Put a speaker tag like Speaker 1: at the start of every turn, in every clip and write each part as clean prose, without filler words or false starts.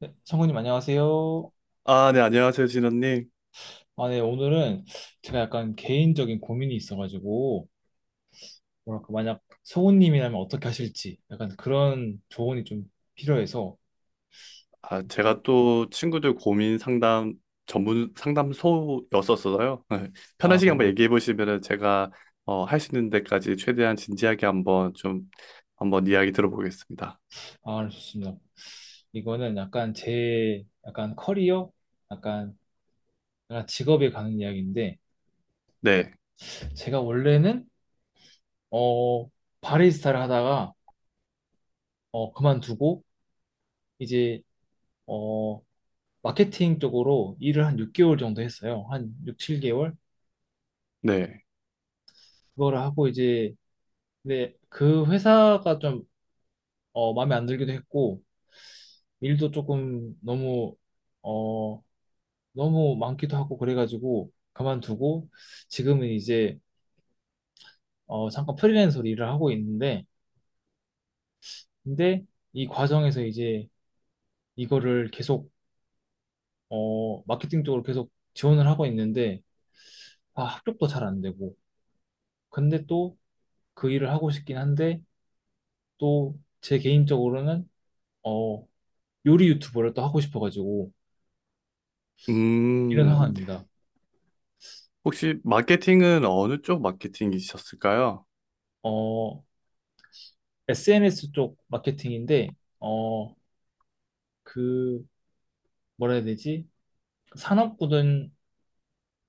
Speaker 1: 네, 성우님 안녕하세요.
Speaker 2: 아, 네, 안녕하세요, 진원님.
Speaker 1: 아, 네, 오늘은 제가 약간 개인적인 고민이 있어가지고, 뭐랄까, 만약 성우님이라면 어떻게 하실지, 약간 그런 조언이 좀 필요해서,
Speaker 2: 아, 제가 또 친구들 고민 상담 전문 상담소였었어서요. 편하시게 한번
Speaker 1: 아,
Speaker 2: 얘기해 보시면은 제가 할 수 있는 데까지 최대한 진지하게 한번 좀 한번 이야기 들어보겠습니다.
Speaker 1: 아, 좋습니다. 이거는 약간 제, 약간 커리어? 약간, 약간 직업에 가는 이야기인데,
Speaker 2: 네,
Speaker 1: 제가 원래는, 어, 바리스타를 하다가, 그만두고, 이제, 어, 마케팅 쪽으로 일을 한 6개월 정도 했어요. 한 6, 7개월?
Speaker 2: 네.
Speaker 1: 그거를 하고 이제, 근데 그 회사가 좀 마음에 안 들기도 했고, 일도 조금 너무 어 너무 많기도 하고 그래가지고 그만두고, 지금은 이제 잠깐 프리랜서로 일을 하고 있는데, 근데 이 과정에서 이제 이거를 계속 마케팅 쪽으로 계속 지원을 하고 있는데, 합격도 잘 안 되고, 근데 또 그 일을 하고 싶긴 한데, 또 제 개인적으로는 어 요리 유튜버를 또 하고 싶어가지고 이런
Speaker 2: 음,
Speaker 1: 상황입니다.
Speaker 2: 혹시 마케팅은 어느 쪽 마케팅이셨을까요?
Speaker 1: 어, SNS 쪽 마케팅인데, 그, 뭐라 해야 되지? 산업군은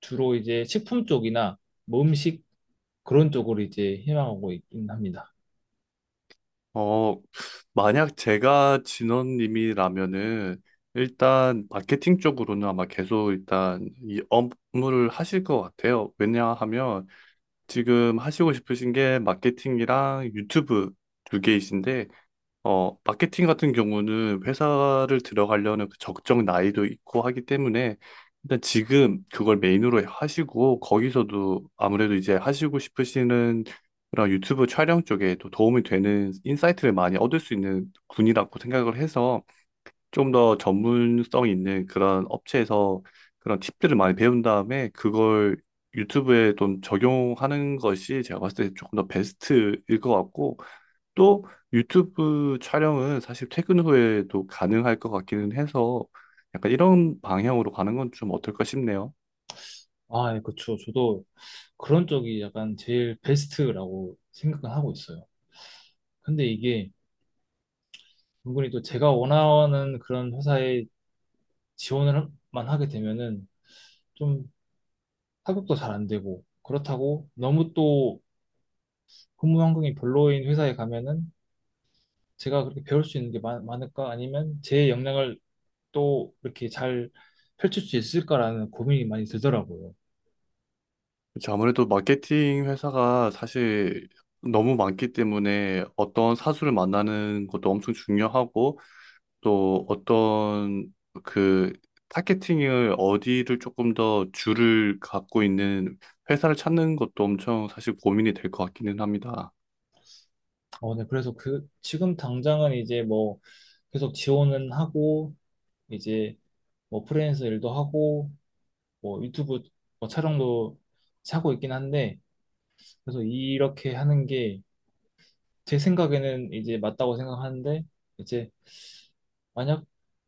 Speaker 1: 주로 이제 식품 쪽이나 뭐 음식 그런 쪽으로 이제 희망하고 있긴 합니다.
Speaker 2: 어, 만약 제가 진원님이라면은 일단 마케팅 쪽으로는 아마 계속 일단 이 업무를 하실 것 같아요. 왜냐하면 지금 하시고 싶으신 게 마케팅이랑 유튜브 두 개이신데 마케팅 같은 경우는 회사를 들어가려는 그 적정 나이도 있고 하기 때문에 일단 지금 그걸 메인으로 하시고, 거기서도 아무래도 이제 하시고 싶으시는 그런 유튜브 촬영 쪽에 또 도움이 되는 인사이트를 많이 얻을 수 있는 군이라고 생각을 해서, 좀 더 전문성 있는 그런 업체에서 그런 팁들을 많이 배운 다음에 그걸 유튜브에 좀 적용하는 것이 제가 봤을 때 조금 더 베스트일 것 같고, 또 유튜브 촬영은 사실 퇴근 후에도 가능할 것 같기는 해서 약간 이런 방향으로 가는 건 좀 어떨까 싶네요.
Speaker 1: 아, 예, 그쵸. 저도 그런 쪽이 약간 제일 베스트라고 생각은 하고 있어요. 근데 이게 은근히 또 제가 원하는 그런 회사에 지원을만 하게 되면은 좀 합격도 잘 안 되고, 그렇다고 너무 또 근무 환경이 별로인 회사에 가면은 제가 그렇게 배울 수 있는 게 많을까? 아니면 제 역량을 또 이렇게 잘 펼칠 수 있을까라는 고민이 많이 들더라고요.
Speaker 2: 그쵸, 아무래도 마케팅 회사가 사실 너무 많기 때문에 어떤 사수를 만나는 것도 엄청 중요하고, 또 어떤 그 타겟팅을 어디를 조금 더 줄을 갖고 있는 회사를 찾는 것도 엄청 사실 고민이 될 것 같기는 합니다.
Speaker 1: 네. 그래서 그, 지금 당장은 이제 뭐 계속 지원은 하고, 이제 뭐 프리랜서 일도 하고, 뭐 유튜브 뭐 촬영도 하고 있긴 한데, 그래서 이렇게 하는 게 제 생각에는 이제 맞다고 생각하는데, 이제 만약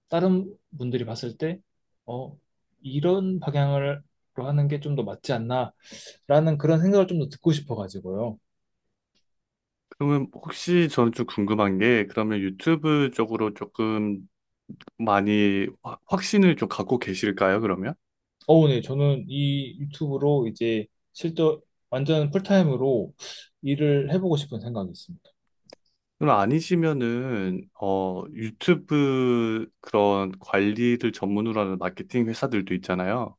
Speaker 1: 다른 분들이 봤을 때, 어, 이런 방향으로 하는 게 좀 더 맞지 않나? 라는 그런 생각을 좀 더 듣고 싶어가지고요.
Speaker 2: 그러면 혹시 저는 좀 궁금한 게, 그러면 유튜브 쪽으로 조금 많이 확신을 좀 갖고 계실까요, 그러면?
Speaker 1: 네, 저는 이 유튜브로 이제 실제 완전 풀타임으로 일을 해보고 싶은 생각이 있습니다.
Speaker 2: 그럼 아니시면은 유튜브 그런 관리를 전문으로 하는 마케팅 회사들도 있잖아요.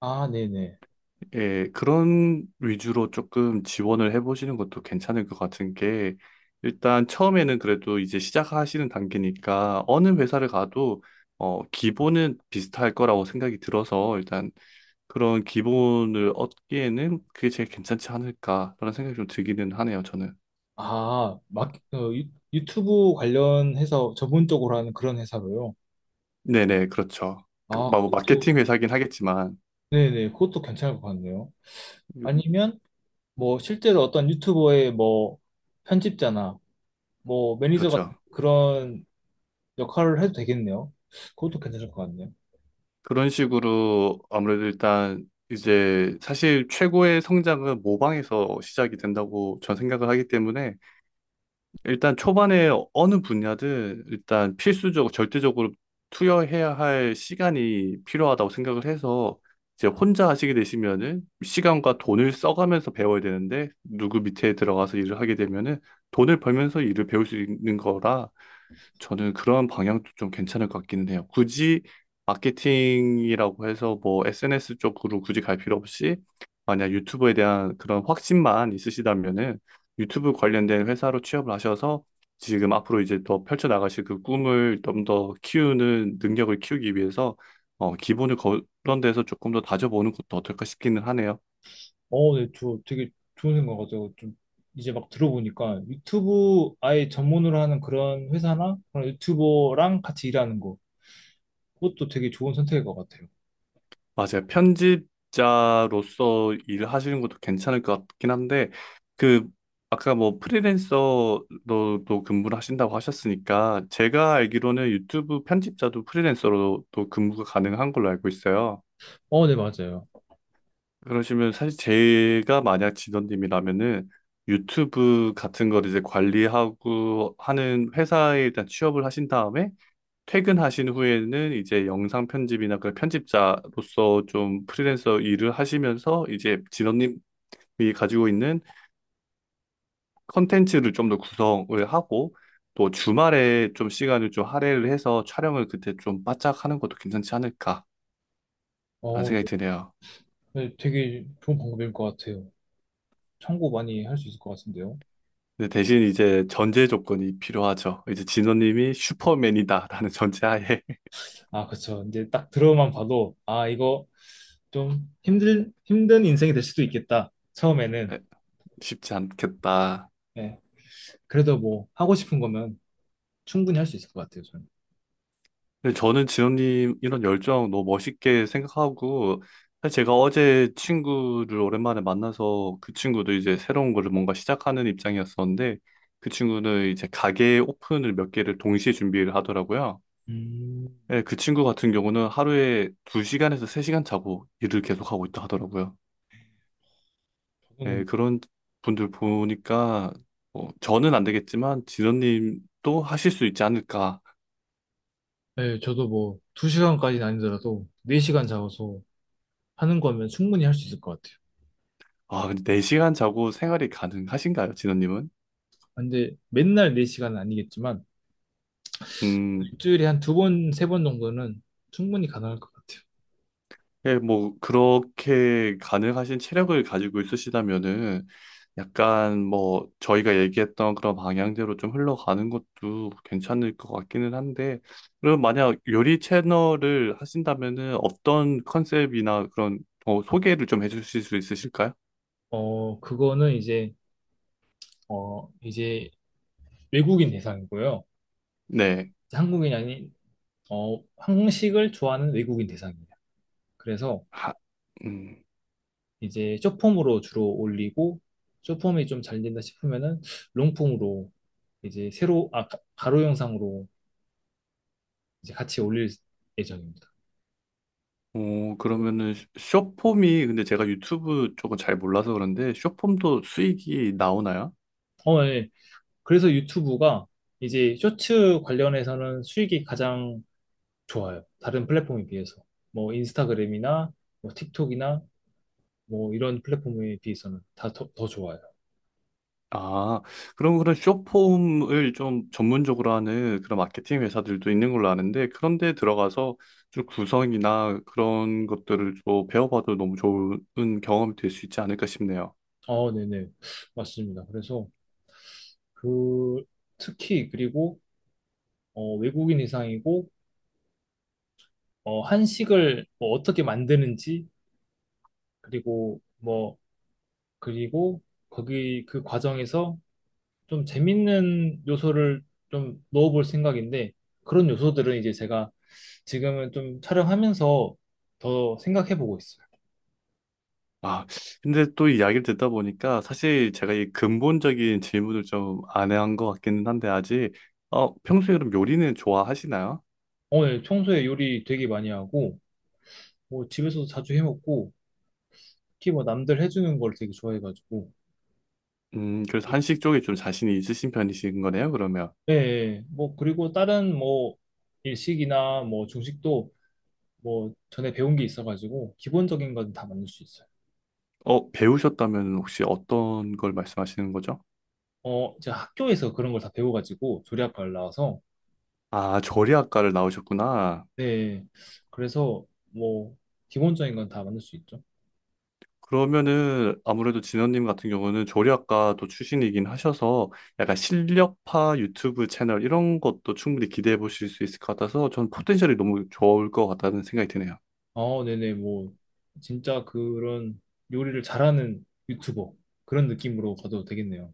Speaker 1: 아, 네네.
Speaker 2: 예, 그런 위주로 조금 지원을 해보시는 것도 괜찮을 것 같은 게, 일단 처음에는 그래도 이제 시작하시는 단계니까 어느 회사를 가도 기본은 비슷할 거라고 생각이 들어서, 일단 그런 기본을 얻기에는 그게 제일 괜찮지 않을까라는 생각이 좀 들기는 하네요, 저는.
Speaker 1: 아, 막, 유튜브 관련해서 전문적으로 하는 그런 회사로요.
Speaker 2: 네네, 그렇죠. 그,
Speaker 1: 아,
Speaker 2: 뭐,
Speaker 1: 그것도,
Speaker 2: 마케팅 회사긴 하겠지만,
Speaker 1: 네네, 그것도 괜찮을 것 같네요.
Speaker 2: 그-
Speaker 1: 아니면, 뭐, 실제로 어떤 유튜버의 뭐, 편집자나, 뭐, 매니저 같은
Speaker 2: 그렇죠.
Speaker 1: 그런 역할을 해도 되겠네요. 그것도 괜찮을 것 같네요.
Speaker 2: 그런 식으로 아무래도 일단 이제 사실 최고의 성장은 모방에서 시작이 된다고 전 생각을 하기 때문에, 일단 초반에 어느 분야든 일단 필수적으로 절대적으로 투여해야 할 시간이 필요하다고 생각을 해서, 이제 혼자 하시게 되시면은 시간과 돈을 써가면서 배워야 되는데 누구 밑에 들어가서 일을 하게 되면은 돈을 벌면서 일을 배울 수 있는 거라, 저는 그런 방향도 좀 괜찮을 것 같기는 해요. 굳이 마케팅이라고 해서 뭐 SNS 쪽으로 굳이 갈 필요 없이, 만약 유튜브에 대한 그런 확신만 있으시다면은 유튜브 관련된 회사로 취업을 하셔서 지금 앞으로 이제 더 펼쳐나가실 그 꿈을 좀 더 키우는 능력을 키우기 위해서, 기본을 그런 데서 조금 더 다져보는 것도 어떨까 싶기는 하네요.
Speaker 1: 네, 저 되게 좋은 생각 같아요. 좀 이제 막 들어보니까 유튜브 아예 전문으로 하는 그런 회사나 그런 유튜버랑 같이 일하는 거, 그것도 되게 좋은 선택일 것 같아요.
Speaker 2: 맞아요. 편집자로서 일하시는 것도 괜찮을 것 같긴 한데, 그, 아까 뭐 프리랜서로도 근무를 하신다고 하셨으니까, 제가 알기로는 유튜브 편집자도 프리랜서로도 근무가 가능한 걸로 알고 있어요.
Speaker 1: 네, 맞아요.
Speaker 2: 그러시면 사실 제가 만약 진원님이라면은 유튜브 같은 걸 이제 관리하고 하는 회사에 일단 취업을 하신 다음에, 퇴근하신 후에는 이제 영상 편집이나 그 편집자로서 좀 프리랜서 일을 하시면서, 이제 진원님이 가지고 있는 컨텐츠를 좀 더 구성을 하고, 또 주말에 좀 시간을 좀 할애를 해서 촬영을 그때 좀 바짝 하는 것도 괜찮지 않을까 하는 생각이
Speaker 1: 네,
Speaker 2: 드네요.
Speaker 1: 네, 되게 좋은 방법일 것 같아요. 참고 많이 할 수 있을 것 같은데요.
Speaker 2: 근데 대신 이제 전제 조건이 필요하죠. 이제 진원님이 슈퍼맨이다라는 전제하에.
Speaker 1: 아, 그쵸. 이제 딱 들어만 봐도, 아, 이거 좀 힘든 인생이 될 수도 있겠다. 처음에는.
Speaker 2: 쉽지 않겠다.
Speaker 1: 네, 그래도 뭐 하고 싶은 거면 충분히 할 수 있을 것 같아요, 저는.
Speaker 2: 근데 저는 지원님 이런 열정 너무 멋있게 생각하고, 사실 제가 어제 친구를 오랜만에 만나서, 그 친구도 이제 새로운 거를 뭔가 시작하는 입장이었었는데, 그 친구는 이제 가게 오픈을 몇 개를 동시에 준비를 하더라고요.
Speaker 1: 음,
Speaker 2: 예, 그 친구 같은 경우는 하루에 2시간에서 3시간 자고 일을 계속하고 있다 하더라고요.
Speaker 1: 저는
Speaker 2: 예, 그런 분들 보니까 저는 안 되겠지만 진원님도 하실 수 있지 않을까.
Speaker 1: 네, 저도 뭐, 두시간까지는 아니더라도, 4시간 잡아서 하는 거면 충분히 할 수 있을 것 같아요.
Speaker 2: 아, 근데 4시간 자고 생활이 가능하신가요, 진원님은?
Speaker 1: 근데 맨날 네시간은 아니겠지만,
Speaker 2: 음,
Speaker 1: 일주일에 한 2번, 3번 정도는 충분히 가능할 것 같아요.
Speaker 2: 예, 뭐, 그렇게 가능하신 체력을 가지고 있으시다면은 약간 뭐 저희가 얘기했던 그런 방향대로 좀 흘러가는 것도 괜찮을 것 같기는 한데, 그럼 만약 요리 채널을 하신다면은 어떤 컨셉이나 그런, 소개를 좀 해주실 수 있으실까요?
Speaker 1: 그거는 이제, 이제 외국인 대상이고요.
Speaker 2: 네.
Speaker 1: 이제 한국인이 아닌, 한국식을 좋아하는 외국인 대상이에요. 그래서
Speaker 2: 하, 음.
Speaker 1: 이제 숏폼으로 주로 올리고, 숏폼이 좀 잘 된다 싶으면은, 롱폼으로 이제 새로, 아, 가로 영상으로 이제 같이 올릴 예정입니다.
Speaker 2: 그러면은, 쇼폼이, 근데 제가 유튜브 쪽은 잘 몰라서 그런데, 쇼폼도 수익이 나오나요?
Speaker 1: 예. 그래서 유튜브가 이제 쇼츠 관련해서는 수익이 가장 좋아요. 다른 플랫폼에 비해서. 뭐 인스타그램이나 뭐 틱톡이나 뭐 이런 플랫폼에 비해서는 다 더 좋아요.
Speaker 2: 아, 그럼 그런 숏폼을 좀 전문적으로 하는 그런 마케팅 회사들도 있는 걸로 아는데, 그런데 들어가서 좀 구성이나 그런 것들을 좀 배워봐도 너무 좋은 경험이 될 수 있지 않을까 싶네요.
Speaker 1: 네네. 맞습니다. 그래서 그 특히 그리고 외국인 이상이고 한식을 뭐 어떻게 만드는지 그리고 뭐 그리고 거기 그 과정에서 좀 재밌는 요소를 좀 넣어볼 생각인데 그런 요소들은 이제 제가 지금은 좀 촬영하면서 더 생각해보고 있어요.
Speaker 2: 아, 근데 또 이야기를 듣다 보니까 사실 제가 이 근본적인 질문을 좀 안 한 것 같기는 한데, 아직, 평소에 그럼 요리는 좋아하시나요?
Speaker 1: 오늘 평소에 요리 되게 많이 하고 뭐 집에서도 자주 해먹고 특히 뭐 남들 해주는 걸 되게 좋아해가지고.
Speaker 2: 그래서 한식 쪽에 좀 자신이 있으신 편이신 거네요, 그러면.
Speaker 1: 예, 예. 뭐 그리고 다른 뭐 일식이나 뭐 중식도 뭐 전에 배운 게 있어가지고 기본적인 건 다 만들 수 있어요.
Speaker 2: 배우셨다면 혹시 어떤 걸 말씀하시는 거죠?
Speaker 1: 제가 학교에서 그런 걸 다 배워가지고 조리학과를 나와서.
Speaker 2: 아, 조리학과를 나오셨구나.
Speaker 1: 네. 그래서 뭐 기본적인 건 다 만들 수 있죠.
Speaker 2: 그러면은 아무래도 진원님 같은 경우는 조리학과도 출신이긴 하셔서 약간 실력파 유튜브 채널 이런 것도 충분히 기대해 보실 수 있을 것 같아서, 전 포텐셜이 너무 좋을 것 같다는 생각이 드네요.
Speaker 1: 아, 네네. 뭐 진짜 그런 요리를 잘하는 유튜버 그런 느낌으로 가도 되겠네요.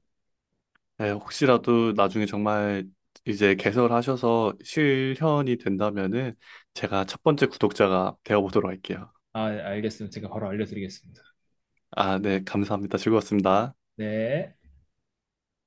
Speaker 2: 네, 혹시라도 나중에 정말 이제 개설하셔서 실현이 된다면은 제가 첫 번째 구독자가 되어 보도록 할게요.
Speaker 1: 아, 알겠습니다. 제가 바로 알려드리겠습니다.
Speaker 2: 아, 네, 감사합니다. 즐거웠습니다.
Speaker 1: 네.